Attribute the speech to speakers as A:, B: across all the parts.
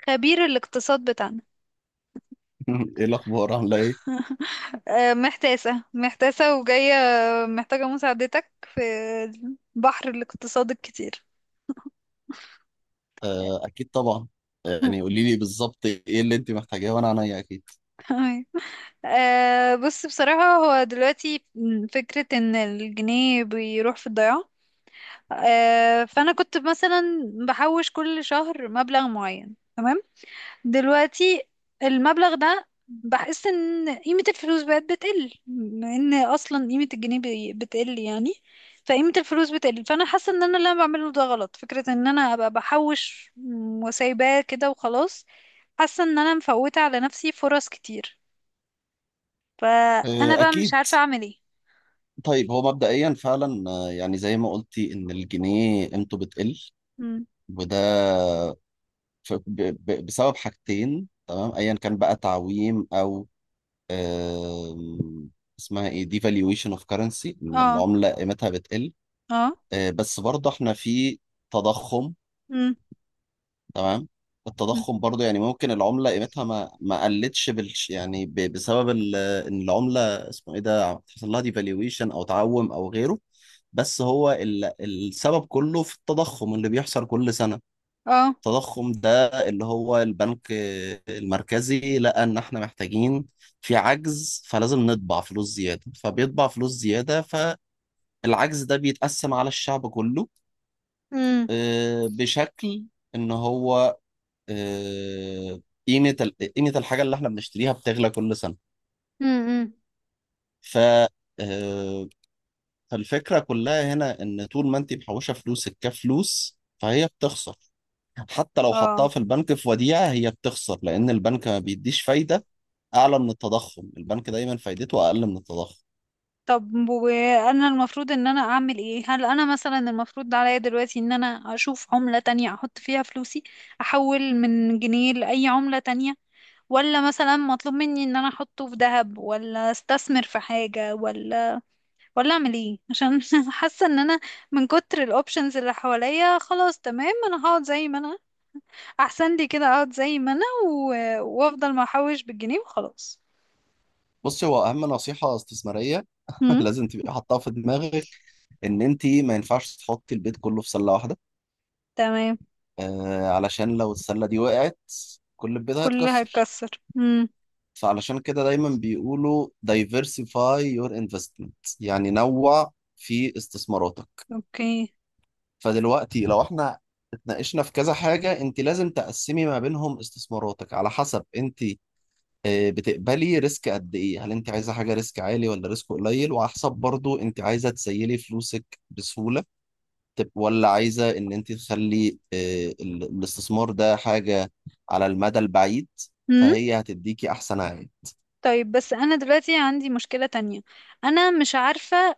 A: خبير الاقتصاد بتاعنا.
B: ايه الاخبار عامله ايه؟
A: محتاسة محتاسة وجاية، محتاجة مساعدتك في بحر الاقتصاد الكتير.
B: آه اكيد طبعا. يعني قولي لي بالظبط ايه اللي انت محتاجاه وانا عينيا اكيد.
A: تمام. بص، بصراحة هو دلوقتي فكرة ان الجنيه بيروح في الضياع. فأنا كنت مثلا بحوش كل شهر مبلغ معين، تمام. دلوقتي المبلغ ده بحس ان قيمة الفلوس بقت بتقل، بما ان اصلا قيمة الجنيه بتقل يعني. فقيمة الفلوس بتقل، فانا حاسة ان انا اللي انا بعمله ده غلط، فكرة ان انا ابقى بحوش وسايباه كده وخلاص. حاسة ان انا مفوتة على نفسي فرص كتير، فانا
B: آه
A: بقى مش
B: اكيد.
A: عارفة اعمل ايه.
B: طيب هو مبدئيا فعلا يعني زي ما قلتي ان الجنيه قيمته بتقل،
A: مم.
B: وده بسبب حاجتين، تمام، ايا كان بقى تعويم او آم، اسمها ايه devaluation of currency، ان
A: اه.
B: العمله قيمتها بتقل.
A: اه.
B: آه بس برضه احنا في تضخم.
A: مم.
B: تمام.
A: مم.
B: التضخم برضو يعني ممكن العملة قيمتها ما قلتش بالش، يعني بسبب ان العملة اسمه ايه ده حصل لها ديفالويشن او تعوم او غيره. بس هو السبب كله في التضخم اللي بيحصل كل سنة.
A: اه.
B: التضخم ده اللي هو البنك المركزي لقى ان احنا محتاجين، في عجز فلازم نطبع فلوس زيادة، فبيطبع فلوس زيادة، فالعجز ده بيتقسم على الشعب كله.
A: مم.
B: بشكل ان هو، آه، قيمة قيمة الحاجة اللي احنا بنشتريها بتغلى كل سنة.
A: مم. مم.
B: ف آه، فالفكرة كلها هنا ان طول ما انت محوشة فلوسك كفلوس فهي بتخسر. حتى لو حطها
A: اه.
B: في البنك في وديعة هي بتخسر لأن البنك ما بيديش فايدة أعلى من التضخم. البنك دايما فايدته أقل من التضخم.
A: طب وانا المفروض ان انا اعمل ايه؟ هل انا مثلا المفروض عليا دلوقتي ان انا اشوف عملة تانية احط فيها فلوسي؟ احول من جنيه لاي عملة تانية؟ ولا مثلا مطلوب مني ان انا احطه في ذهب ولا استثمر في حاجة؟ ولا اعمل ايه عشان حاسة ان انا من كتر الاوبشنز اللي حواليا، خلاص تمام انا هقعد زي ما انا، احسن لي كده اقعد زي ما انا و... وافضل ما احوش بالجنيه وخلاص.
B: بصي هو أهم نصيحة استثمارية
A: امم.
B: لازم تبقي حاطها في دماغك: إن أنت ما ينفعش تحطي البيت كله في سلة واحدة.
A: تمام.
B: آه علشان لو السلة دي وقعت كل البيت
A: كله
B: هيتكسر.
A: هيتكسر. امم.
B: فعلشان كده دايما بيقولوا diversify your investment، يعني نوع في استثماراتك.
A: اوكي.
B: فدلوقتي لو احنا اتناقشنا في كذا حاجة، انت لازم تقسمي ما بينهم استثماراتك على حسب انت بتقبلي ريسك قد ايه، هل انت عايزة حاجة ريسك عالي ولا ريسك قليل، وعلى حسب برضو انت عايزة تسيلي فلوسك بسهولة ولا عايزة ان انت تخلي الاستثمار ده حاجة على المدى البعيد فهي هتديكي احسن عائد.
A: طيب بس انا دلوقتي عندي مشكلة تانية، انا مش عارفة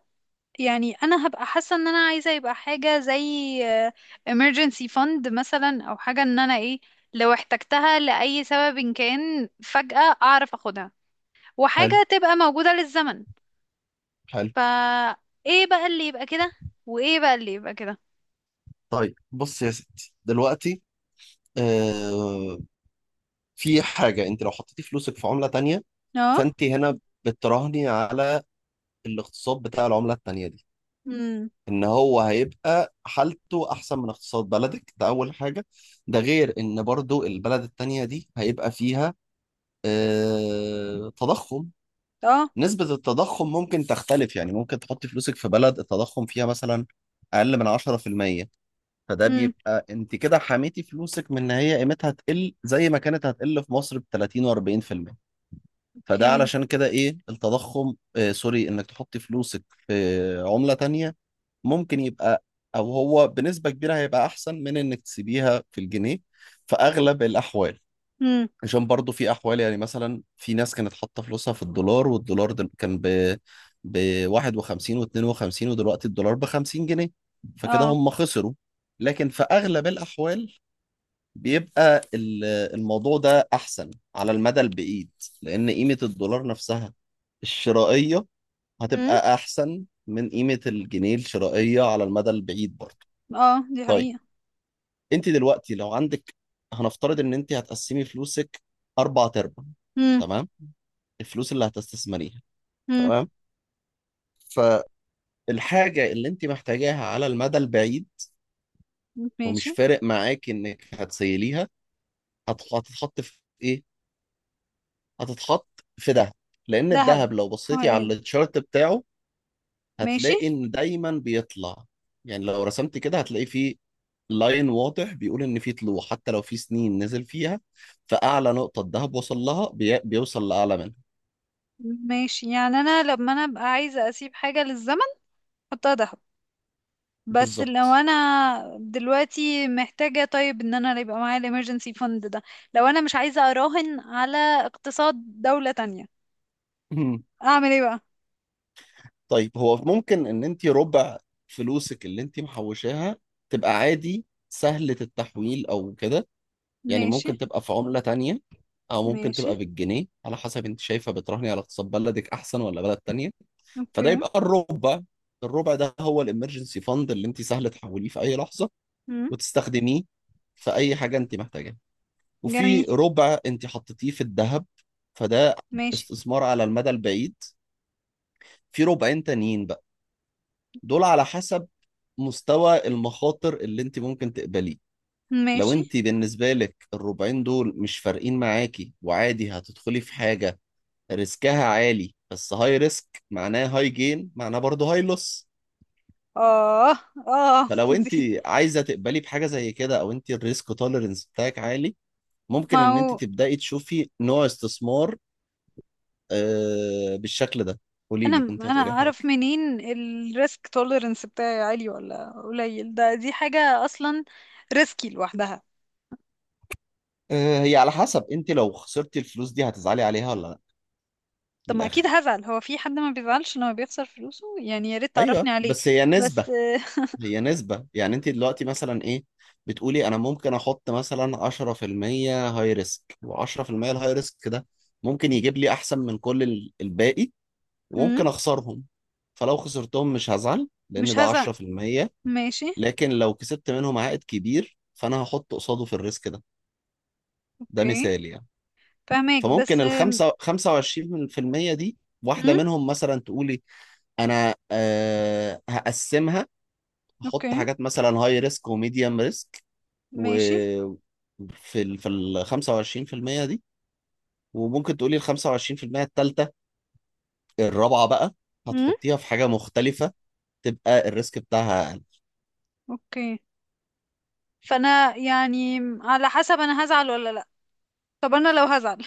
A: يعني، انا هبقى حاسة ان انا عايزة يبقى حاجة زي آه، emergency fund مثلا، او حاجة ان انا ايه لو احتجتها لأي سبب إن كان فجأة اعرف اخدها،
B: حلو.
A: وحاجة تبقى موجودة للزمن.
B: حلو.
A: فا ايه بقى اللي يبقى كده؟ وايه بقى اللي يبقى كده؟
B: طيب بص يا ستي دلوقتي، آه، في حاجة انت لو حطيتي فلوسك في عملة تانية
A: اه.
B: فانت هنا بتراهني على الاقتصاد بتاع العملة التانية دي،
A: امم.
B: ان هو هيبقى حالته احسن من اقتصاد بلدك، ده اول حاجة. ده غير ان برضو البلد التانية دي هيبقى فيها آه تضخم.
A: اه.
B: نسبة التضخم ممكن تختلف، يعني ممكن تحطي فلوسك في بلد التضخم فيها مثلا اقل من 10%، فده
A: امم.
B: بيبقى انت كده حميتي فلوسك من ان هي قيمتها تقل زي ما كانت هتقل في مصر ب 30 و40%. فده
A: اوكي.
B: علشان كده ايه التضخم، سوري، انك تحطي فلوسك في عملة تانية ممكن يبقى، او هو بنسبة كبيرة هيبقى احسن من انك تسيبيها في الجنيه في اغلب الاحوال.
A: امم.
B: عشان برضو في احوال، يعني مثلا في ناس كانت حاطه فلوسها في الدولار والدولار ده كان ب 51 و52 ودلوقتي الدولار ب 50 جنيه، فكده
A: اه
B: هم خسروا. لكن في اغلب الاحوال بيبقى الموضوع ده احسن على المدى البعيد، لان قيمه الدولار نفسها الشرائيه
A: امم
B: هتبقى احسن من قيمه الجنيه الشرائيه على المدى البعيد برضو.
A: اه دي
B: طيب
A: حقيقة.
B: انت دلوقتي لو عندك، هنفترض ان انت هتقسمي فلوسك اربع ارباع،
A: امم.
B: تمام، الفلوس اللي هتستثمريها،
A: امم.
B: تمام، فالحاجة اللي انت محتاجاها على المدى البعيد ومش
A: ماشي.
B: فارق معاك انك هتسيليها، هتتحط في ايه؟ هتتحط في دهب. لان
A: دهب؟
B: الدهب لو
A: اه
B: بصيتي على
A: ايه.
B: التشارت بتاعه
A: ماشي.
B: هتلاقي ان دايما بيطلع، يعني لو رسمت كده هتلاقي فيه لاين واضح بيقول ان في طلوع حتى لو في سنين نزل فيها، فاعلى نقطة الدهب وصل لها بيوصل لاعلى منها.
A: ماشي، يعني انا لما انا ابقى عايزه اسيب حاجه للزمن احطها دهب، بس لو
B: بالظبط.
A: انا دلوقتي محتاجه، طيب ان انا يبقى معايا الامرجنسي فند ده، لو انا مش عايزه اراهن على اقتصاد دوله تانية، اعمل ايه بقى؟
B: طيب هو ممكن ان انت ربع فلوسك اللي انت محوشاها تبقى عادي سهلة التحويل او كده، يعني
A: ماشي.
B: ممكن تبقى في عملة تانية او ممكن
A: ماشي.
B: تبقى بالجنيه، على حسب انت شايفة بتراهني على اقتصاد بلدك احسن ولا بلد تانية.
A: اوكي.
B: فده يبقى الربع. الربع ده هو الامرجنسي فاند اللي انت سهل تحوليه في اي لحظة
A: مم.
B: وتستخدميه في اي حاجة انت محتاجاها. وفي
A: جميل.
B: ربع انت حطيتيه في الذهب، فده
A: ماشي.
B: استثمار على المدى البعيد. في ربعين تانيين بقى، دول على حسب مستوى المخاطر اللي انت ممكن تقبليه. لو
A: ماشي.
B: انت بالنسبة لك الربعين دول مش فارقين معاكي وعادي هتدخلي في حاجة ريسكها عالي، بس هاي ريسك معناه هاي جين معناه برضه هاي لوس.
A: اه. اه
B: فلو انت
A: دي.
B: عايزة تقبلي بحاجة زي كده او انت الريسك توليرنس بتاعك عالي، ممكن
A: ما
B: ان انت
A: هو
B: تبدأي تشوفي نوع استثمار بالشكل ده. قولي
A: انا
B: لي كنت
A: انا
B: هتقولي حاجة.
A: اعرف منين الريسك توليرنس بتاعي عالي ولا قليل؟ ده دي حاجه اصلا ريسكي لوحدها.
B: هي على حسب انت لو خسرتي الفلوس دي هتزعلي عليها ولا لا،
A: طب
B: من
A: ما اكيد
B: الآخر.
A: هزعل، هو في حد ما بيزعلش لما بيخسر فلوسه يعني؟ يا ريت
B: ايوه
A: تعرفني عليه.
B: بس هي
A: بس
B: نسبة، هي نسبة، يعني انت دلوقتي مثلا ايه بتقولي انا ممكن احط مثلا 10% هاي ريسك، و10% الهاي ريسك ده ممكن يجيب لي احسن من كل الباقي
A: مم،
B: وممكن اخسرهم. فلو خسرتهم مش هزعل لان
A: مش
B: ده
A: هزعل.
B: 10%.
A: ماشي.
B: لكن لو كسبت منهم عائد كبير فانا هحط قصاده في الريسك ده. ده
A: اوكي.
B: مثال يعني.
A: فهماك بس
B: فممكن ال 5 25% دي واحدة
A: مم،
B: منهم مثلا تقولي انا أه هقسمها، احط
A: اوكي.
B: حاجات مثلا هاي ريسك وميديوم ريسك، و
A: ماشي.
B: في ال 25% دي. وممكن تقولي ال 25% التالتة، الرابعة بقى،
A: مم.
B: هتحطيها في حاجة مختلفة تبقى الريسك بتاعها أقل.
A: اوكي. فانا يعني على حسب انا هزعل ولا لا، طب انا لو هزعل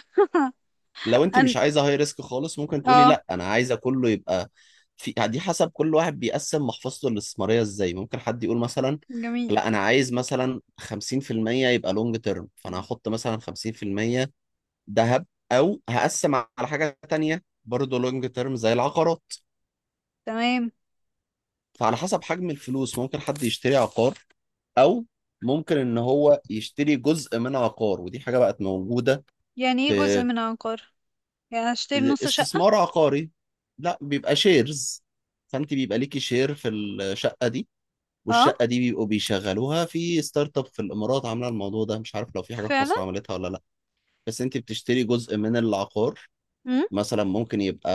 B: لو أنت
A: أن...
B: مش عايزة هاي ريسك خالص ممكن تقولي
A: اه.
B: لا أنا عايزة كله يبقى في دي، حسب كل واحد بيقسم محفظته الاستثمارية إزاي. ممكن حد يقول مثلا
A: جميل.
B: لا أنا عايز مثلا 50% يبقى لونج تيرم، فأنا هحط مثلا 50% ذهب، او هقسم على حاجه تانية برضه لونج تيرم زي العقارات.
A: تمام.
B: فعلى حسب حجم الفلوس ممكن حد يشتري عقار، او ممكن ان هو يشتري جزء من عقار، ودي حاجه بقت موجوده.
A: يعني ايه جزء
B: في
A: من عقار؟ يعني هشتري نص شقة؟
B: استثمار عقاري، لا، بيبقى شيرز، فانت بيبقى ليكي شير في الشقه دي،
A: اه
B: والشقه دي بيبقوا بيشغلوها. في ستارت اب في الامارات عامله الموضوع ده، مش عارف لو في حاجه في
A: فعلا.
B: مصر عملتها ولا لا. بس انت بتشتري جزء من العقار،
A: مم.
B: مثلا ممكن يبقى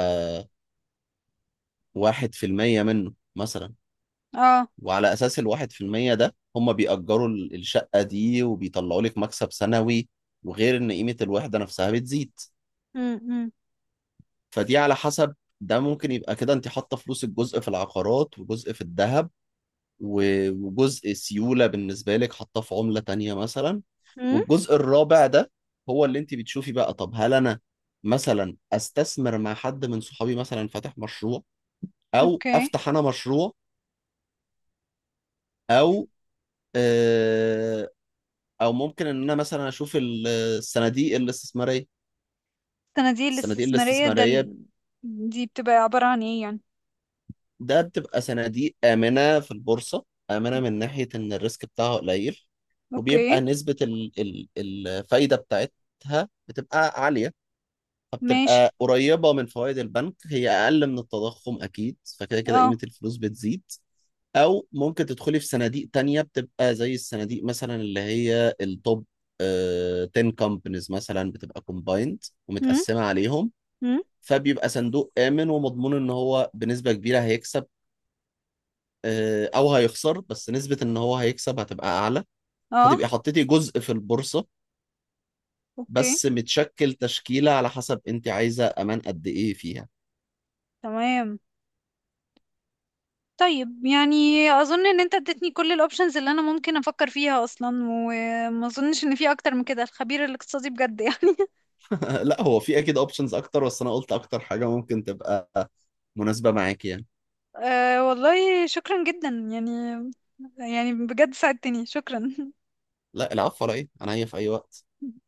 B: 1% منه مثلا،
A: اه.
B: وعلى أساس الـ1% ده هم بيأجروا الشقة دي وبيطلعوا لك مكسب سنوي، وغير إن قيمة الوحدة نفسها بتزيد.
A: مم. مم.
B: فدي على حسب، ده ممكن يبقى كده أنت حاطة فلوسك جزء في العقارات وجزء في الذهب، وجزء سيولة بالنسبة لك حاطاه في عملة تانية مثلا.
A: مم.
B: والجزء الرابع ده هو اللي أنت بتشوفي بقى، طب هل أنا مثلا استثمر مع حد من صحابي مثلا فاتح مشروع، او
A: اوكي.
B: افتح انا مشروع، او آه، او ممكن ان انا مثلا اشوف الصناديق الاستثماريه.
A: الصناديق
B: الصناديق
A: الاستثمارية ده
B: الاستثماريه
A: دي بتبقى عبارة عن ايه يعني؟
B: ده بتبقى صناديق امنه في البورصه، امنه من ناحيه ان الريسك بتاعها قليل،
A: اوكي.
B: وبيبقى نسبه الفايده بتاعتها بتبقى عاليه.
A: ماشي.
B: فبتبقى قريبه من فوائد البنك، هي اقل من التضخم اكيد، فكده كده قيمه
A: اه.
B: الفلوس بتزيد. او ممكن تدخلي في صناديق تانية بتبقى زي الصناديق مثلا اللي هي التوب 10 كومبانيز مثلا بتبقى كومبايند
A: امم.
B: ومتقسمة عليهم،
A: امم.
B: فبيبقى صندوق آمن ومضمون ان هو بنسبة كبيرة هيكسب، او هيخسر، بس نسبة ان هو هيكسب هتبقى اعلى.
A: اه.
B: فتبقي حطيتي جزء في البورصة
A: اوكي.
B: بس متشكل تشكيلة على حسب انت عايزة امان قد ايه فيها.
A: تمام. طيب يعني اظن ان انت اديتني كل الاوبشنز اللي انا ممكن افكر فيها اصلا، وما اظنش ان في اكتر من كده. الخبير الاقتصادي بجد يعني.
B: لا هو في اكيد اوبشنز اكتر بس انا قلت اكتر حاجة ممكن تبقى مناسبة معاكي يعني.
A: أه والله شكرا جدا يعني، يعني بجد ساعدتني، شكرا.
B: لا العفو على ايه، انا هي في اي وقت.